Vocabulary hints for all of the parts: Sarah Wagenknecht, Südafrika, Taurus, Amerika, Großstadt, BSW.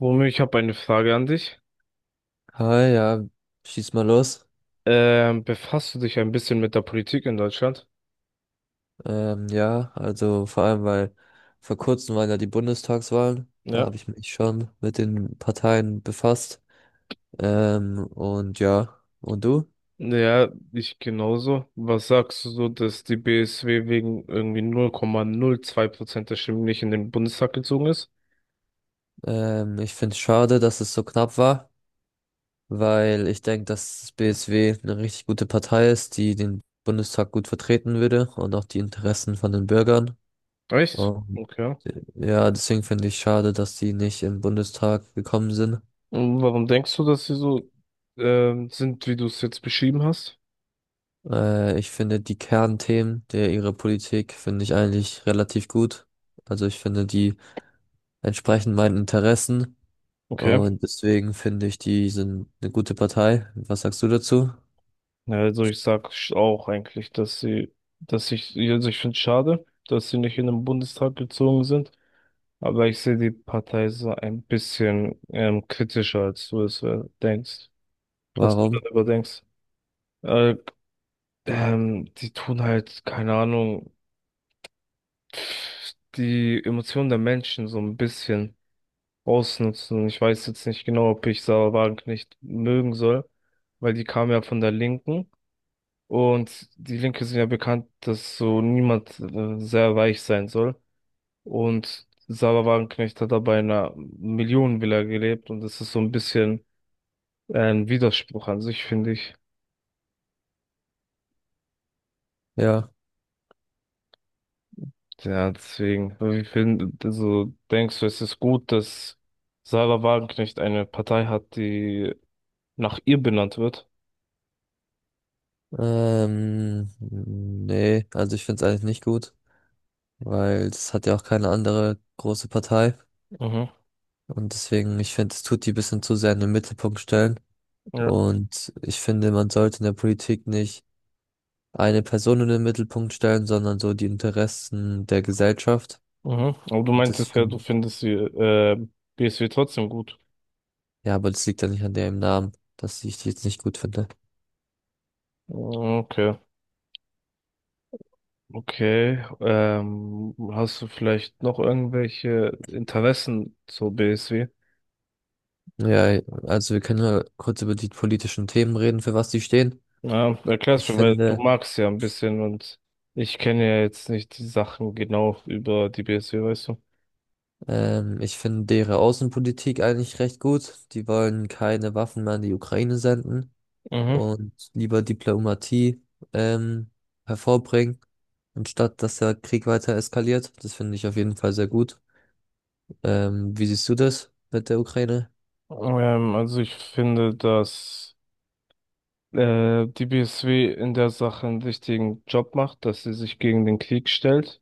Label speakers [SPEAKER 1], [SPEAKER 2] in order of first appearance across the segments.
[SPEAKER 1] Womit ich habe eine Frage an dich.
[SPEAKER 2] Hi, ja, schieß mal los.
[SPEAKER 1] Befasst du dich ein bisschen mit der Politik in Deutschland?
[SPEAKER 2] Ja, also vor allem, weil vor kurzem waren ja die Bundestagswahlen. Da
[SPEAKER 1] Ja.
[SPEAKER 2] habe ich mich schon mit den Parteien befasst. Und ja, und du?
[SPEAKER 1] Ja, ich genauso. Was sagst du so, dass die BSW wegen irgendwie 0,02% der Stimmen nicht in den Bundestag gezogen ist?
[SPEAKER 2] Ich finde es schade, dass es so knapp war, weil ich denke, dass das BSW eine richtig gute Partei ist, die den Bundestag gut vertreten würde und auch die Interessen von den Bürgern.
[SPEAKER 1] Echt?
[SPEAKER 2] Und
[SPEAKER 1] Okay.
[SPEAKER 2] ja, deswegen finde ich schade, dass die nicht im Bundestag gekommen sind.
[SPEAKER 1] Und warum denkst du, dass sie so sind, wie du es jetzt beschrieben hast?
[SPEAKER 2] Ich finde die Kernthemen der ihrer Politik finde ich eigentlich relativ gut. Also ich finde die entsprechen meinen Interessen
[SPEAKER 1] Okay.
[SPEAKER 2] und deswegen finde ich die sind eine gute Partei. Was sagst du dazu?
[SPEAKER 1] Ja, also ich sag auch eigentlich, dass ich, also ich finde es schade, dass sie nicht in den Bundestag gezogen sind. Aber ich sehe die Partei so ein bisschen kritischer, als du es denkst, als du
[SPEAKER 2] Warum?
[SPEAKER 1] darüber denkst. Äh, Die tun halt, keine Ahnung, pff, die Emotionen der Menschen so ein bisschen ausnutzen. Ich weiß jetzt nicht genau, ob ich Sarah Wagenknecht nicht mögen soll, weil die kam ja von der Linken. Und die Linke sind ja bekannt, dass so niemand sehr weich sein soll. Und Sarah Wagenknecht hat aber in einer Millionenvilla gelebt und das ist so ein bisschen ein Widerspruch an sich, finde ich.
[SPEAKER 2] Ja.
[SPEAKER 1] Ja, deswegen, also denkst du, es ist gut, dass Sarah Wagenknecht eine Partei hat, die nach ihr benannt wird?
[SPEAKER 2] Nee, also ich finde es eigentlich nicht gut, weil es hat ja auch keine andere große Partei
[SPEAKER 1] Mhm.
[SPEAKER 2] und deswegen ich finde es tut die bisschen zu sehr in den Mittelpunkt stellen
[SPEAKER 1] Ja.
[SPEAKER 2] und ich finde man sollte in der Politik nicht eine Person in den Mittelpunkt stellen, sondern so die Interessen der Gesellschaft.
[SPEAKER 1] Mhm. Aber du
[SPEAKER 2] Und das
[SPEAKER 1] meintest ja, du
[SPEAKER 2] finde,
[SPEAKER 1] findest sie, BSW trotzdem gut.
[SPEAKER 2] ja, aber das liegt ja nicht an dem Namen, dass ich die jetzt nicht gut finde.
[SPEAKER 1] Mhm, okay. Okay. Hast du vielleicht noch irgendwelche Interessen zur BSW?
[SPEAKER 2] Ja, also wir können ja kurz über die politischen Themen reden, für was die stehen.
[SPEAKER 1] Ja, erklär's
[SPEAKER 2] Ich
[SPEAKER 1] mir, weil du
[SPEAKER 2] finde,
[SPEAKER 1] magst ja ein bisschen und ich kenne ja jetzt nicht die Sachen genau über die BSW, weißt du?
[SPEAKER 2] ich finde deren Außenpolitik eigentlich recht gut. Die wollen keine Waffen mehr an die Ukraine senden
[SPEAKER 1] Mhm.
[SPEAKER 2] und lieber Diplomatie, ähm, hervorbringen, anstatt dass der Krieg weiter eskaliert. Das finde ich auf jeden Fall sehr gut. Wie siehst du das mit der Ukraine?
[SPEAKER 1] Also ich finde, dass die BSW in der Sache einen wichtigen Job macht, dass sie sich gegen den Krieg stellt.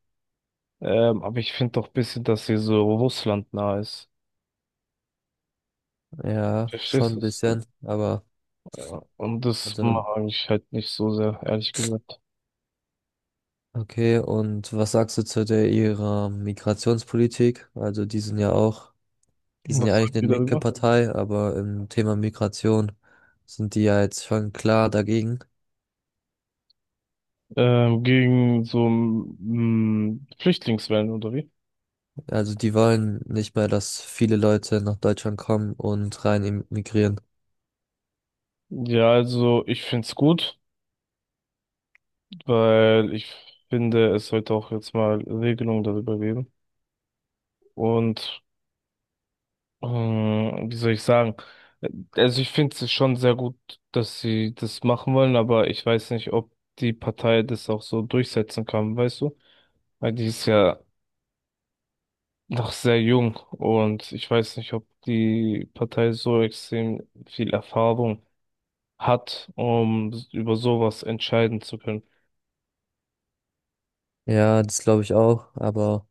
[SPEAKER 1] Aber ich finde doch ein bisschen, dass sie so Russland nah ist.
[SPEAKER 2] Ja,
[SPEAKER 1] Verstehst
[SPEAKER 2] schon
[SPEAKER 1] du?
[SPEAKER 2] ein
[SPEAKER 1] So,
[SPEAKER 2] bisschen, aber
[SPEAKER 1] ja. Und das
[SPEAKER 2] also
[SPEAKER 1] mag ich halt nicht so sehr, ehrlich gesagt.
[SPEAKER 2] okay. Und was sagst du zu der ihrer Migrationspolitik? Also die sind ja auch, die sind ja
[SPEAKER 1] Was
[SPEAKER 2] eigentlich
[SPEAKER 1] sagt
[SPEAKER 2] eine
[SPEAKER 1] ihr
[SPEAKER 2] linke
[SPEAKER 1] darüber?
[SPEAKER 2] Partei, aber im Thema Migration sind die ja jetzt schon klar dagegen.
[SPEAKER 1] Gegen so Flüchtlingswellen oder wie?
[SPEAKER 2] Also die wollen nicht mehr, dass viele Leute nach Deutschland kommen und rein immigrieren.
[SPEAKER 1] Ja, also ich find's gut, weil ich finde, es sollte auch jetzt mal Regelungen darüber geben. Und wie soll ich sagen? Also ich finde es schon sehr gut, dass sie das machen wollen, aber ich weiß nicht, ob die Partei das auch so durchsetzen kann, weißt du? Weil die ist ja noch sehr jung und ich weiß nicht, ob die Partei so extrem viel Erfahrung hat, um über sowas entscheiden zu können.
[SPEAKER 2] Ja, das glaube ich auch, aber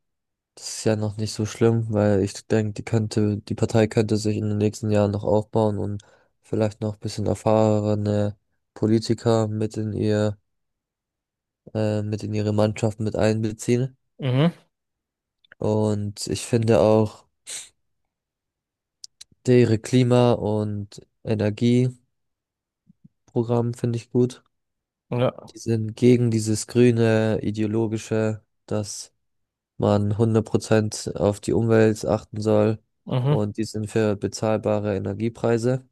[SPEAKER 2] das ist ja noch nicht so schlimm, weil ich denke, die könnte, die Partei könnte sich in den nächsten Jahren noch aufbauen und vielleicht noch ein bisschen erfahrene Politiker mit in ihr, mit in ihre Mannschaft mit einbeziehen.
[SPEAKER 1] Mhm.
[SPEAKER 2] Und ich finde auch ihre Klima- und Energieprogramm finde ich gut.
[SPEAKER 1] Ja.
[SPEAKER 2] Die sind gegen dieses grüne ideologische, dass man 100% auf die Umwelt achten soll.
[SPEAKER 1] Mhm.
[SPEAKER 2] Und die sind für bezahlbare Energiepreise.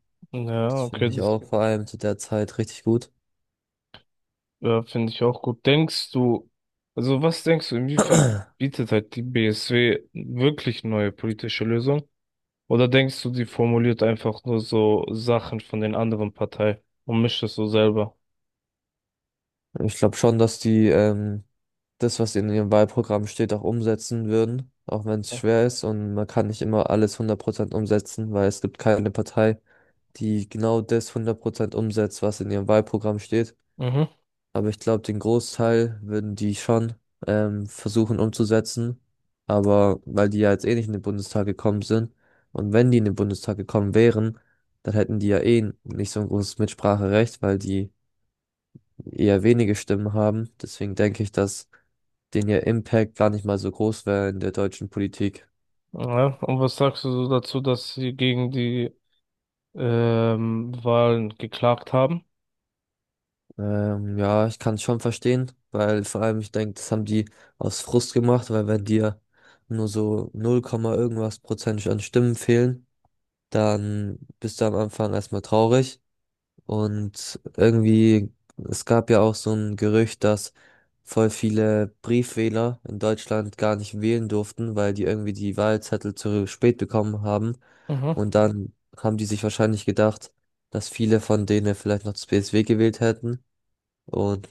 [SPEAKER 2] Das
[SPEAKER 1] Ja, okay,
[SPEAKER 2] finde ich
[SPEAKER 1] das
[SPEAKER 2] auch vor allem zu der Zeit richtig gut.
[SPEAKER 1] ja, finde ich auch gut. Denkst du, also was denkst du, inwiefern bietet halt die BSW wirklich neue politische Lösungen? Oder denkst du, die formuliert einfach nur so Sachen von den anderen Parteien und mischt es so selber?
[SPEAKER 2] Ich glaube schon, dass die das, was in ihrem Wahlprogramm steht, auch umsetzen würden, auch wenn es schwer ist und man kann nicht immer alles 100% umsetzen, weil es gibt keine Partei, die genau das 100% umsetzt, was in ihrem Wahlprogramm steht.
[SPEAKER 1] Mhm.
[SPEAKER 2] Aber ich glaube, den Großteil würden die schon versuchen umzusetzen, aber weil die ja jetzt eh nicht in den Bundestag gekommen sind und wenn die in den Bundestag gekommen wären, dann hätten die ja eh nicht so ein großes Mitspracherecht, weil die eher wenige Stimmen haben. Deswegen denke ich, dass den ihr Impact gar nicht mal so groß wäre in der deutschen Politik.
[SPEAKER 1] Ja, und was sagst du so dazu, dass sie gegen die Wahlen geklagt haben?
[SPEAKER 2] Ja, ich kann es schon verstehen, weil vor allem ich denke, das haben die aus Frust gemacht, weil wenn dir nur so 0, Komma irgendwas Prozent an Stimmen fehlen, dann bist du am Anfang erstmal traurig. Und irgendwie, es gab ja auch so ein Gerücht, dass voll viele Briefwähler in Deutschland gar nicht wählen durften, weil die irgendwie die Wahlzettel zu spät bekommen haben.
[SPEAKER 1] Mhm.
[SPEAKER 2] Und dann haben die sich wahrscheinlich gedacht, dass viele von denen vielleicht noch das BSW gewählt hätten. Und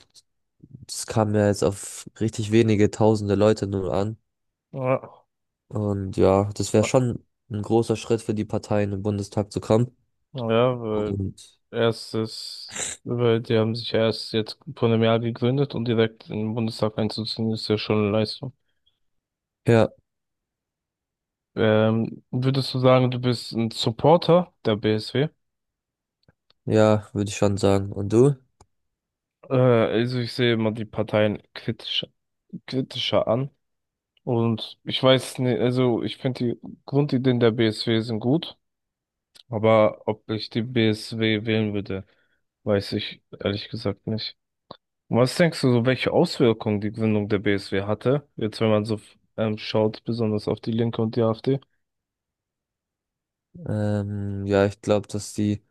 [SPEAKER 2] es kam ja jetzt auf richtig wenige tausende Leute nur an.
[SPEAKER 1] Ja,
[SPEAKER 2] Und ja, das wäre schon ein großer Schritt für die Parteien im Bundestag zu kommen.
[SPEAKER 1] ja, weil
[SPEAKER 2] Und
[SPEAKER 1] Erstes, weil die haben sich ja erst jetzt vor einem Jahr gegründet und direkt in den Bundestag einzuziehen, ist ja schon eine Leistung.
[SPEAKER 2] ja,
[SPEAKER 1] Würdest du sagen, du bist ein Supporter der BSW?
[SPEAKER 2] ja, würde ich schon sagen. Und du?
[SPEAKER 1] Also ich sehe immer die Parteien kritisch, kritischer an. Und ich weiß nicht, also ich finde die Grundideen der BSW sind gut, aber ob ich die BSW wählen würde, weiß ich ehrlich gesagt nicht. Und was denkst du, so welche Auswirkungen die Gründung der BSW hatte? Jetzt, wenn man so schaut, besonders auf die Linke und die AfD.
[SPEAKER 2] Ja, ich glaube, dass die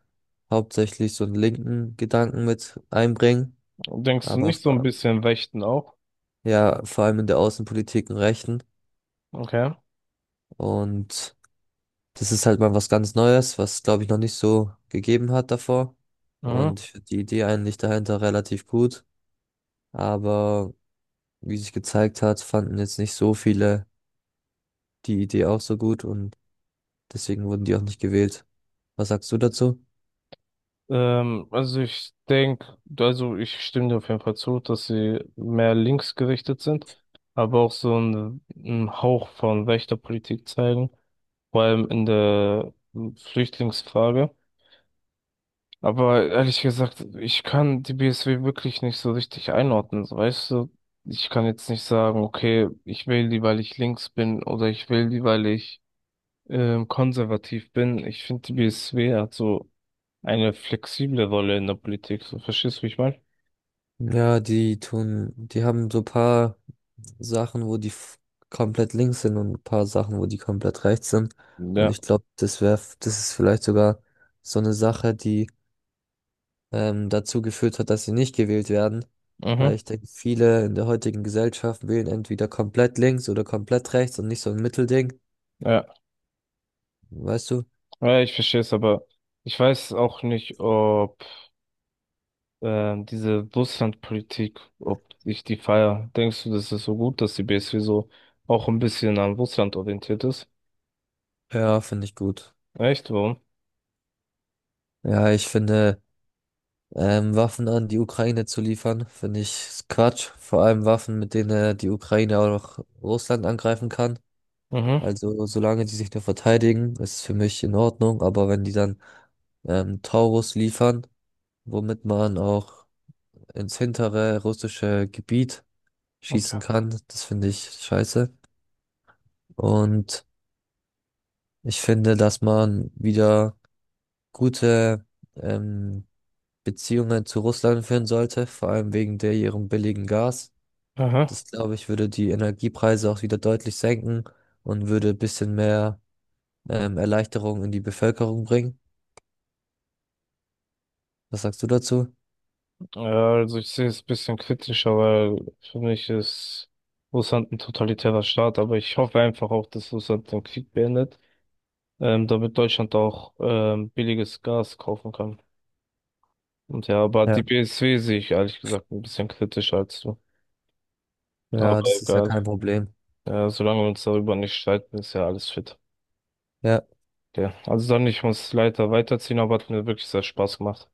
[SPEAKER 2] hauptsächlich so einen linken Gedanken mit einbringen,
[SPEAKER 1] Denkst du
[SPEAKER 2] aber
[SPEAKER 1] nicht so ein bisschen Rechten auch?
[SPEAKER 2] ja, vor allem in der Außenpolitik einen rechten.
[SPEAKER 1] Okay.
[SPEAKER 2] Und das ist halt mal was ganz Neues, was, glaube ich, noch nicht so gegeben hat davor.
[SPEAKER 1] Mhm.
[SPEAKER 2] Und ich find die Idee eigentlich dahinter relativ gut. Aber wie sich gezeigt hat, fanden jetzt nicht so viele die Idee auch so gut und deswegen wurden die auch nicht gewählt. Was sagst du dazu?
[SPEAKER 1] Also ich denke, also ich stimme dir auf jeden Fall zu, dass sie mehr linksgerichtet sind, aber auch so einen Hauch von rechter Politik zeigen, vor allem in der Flüchtlingsfrage. Aber ehrlich gesagt, ich kann die BSW wirklich nicht so richtig einordnen, so, weißt du? Ich kann jetzt nicht sagen, okay, ich wähle die, weil ich links bin oder ich wähle die, weil ich konservativ bin. Ich finde, die BSW hat so eine flexible Rolle in der Politik. So, verstehst du, wie ich meine?
[SPEAKER 2] Ja, die tun, die haben so paar Sachen, wo die komplett links sind und ein paar Sachen, wo die komplett rechts sind. Und
[SPEAKER 1] Ja.
[SPEAKER 2] ich glaube, das wäre, das ist vielleicht sogar so eine Sache, die dazu geführt hat, dass sie nicht gewählt werden.
[SPEAKER 1] Mhm.
[SPEAKER 2] Weil ich denke, viele in der heutigen Gesellschaft wählen entweder komplett links oder komplett rechts und nicht so ein Mittelding.
[SPEAKER 1] Ja.
[SPEAKER 2] Weißt du?
[SPEAKER 1] Ja, ich verstehe es, aber ich weiß auch nicht, ob diese Russlandpolitik, ob ich die feier. Denkst du, das ist so gut, dass die BSW so auch ein bisschen an Russland orientiert ist?
[SPEAKER 2] Ja, finde ich gut.
[SPEAKER 1] Echt? Warum?
[SPEAKER 2] Ja, ich finde. Waffen an die Ukraine zu liefern, finde ich Quatsch. Vor allem Waffen, mit denen er die Ukraine auch noch Russland angreifen kann.
[SPEAKER 1] Mhm,
[SPEAKER 2] Also solange die sich nur verteidigen, ist es für mich in Ordnung. Aber wenn die dann Taurus liefern, womit man auch ins hintere russische Gebiet schießen
[SPEAKER 1] okay.
[SPEAKER 2] kann, das finde ich scheiße. Und ich finde, dass man wieder gute ähm, Beziehungen zu Russland führen sollte, vor allem wegen der ihrem billigen Gas.
[SPEAKER 1] Aha.
[SPEAKER 2] Das glaube ich, würde die Energiepreise auch wieder deutlich senken und würde ein bisschen mehr Erleichterung in die Bevölkerung bringen. Was sagst du dazu?
[SPEAKER 1] Ja, also ich sehe es ein bisschen kritischer, weil für mich ist Russland ein totalitärer Staat, aber ich hoffe einfach auch, dass Russland den Krieg beendet, damit Deutschland auch billiges Gas kaufen kann. Und ja, aber
[SPEAKER 2] Ja.
[SPEAKER 1] die BSW sehe ich ehrlich gesagt ein bisschen kritischer als du. Aber
[SPEAKER 2] Ja, das ist ja
[SPEAKER 1] egal.
[SPEAKER 2] kein Problem.
[SPEAKER 1] Ja, solange wir uns darüber nicht streiten, ist ja alles fit.
[SPEAKER 2] Ja,
[SPEAKER 1] Okay. Also dann, ich muss leider weiterziehen, aber hat mir wirklich sehr Spaß gemacht.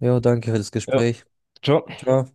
[SPEAKER 2] jo, danke für das
[SPEAKER 1] Ja,
[SPEAKER 2] Gespräch.
[SPEAKER 1] ciao.
[SPEAKER 2] Ciao.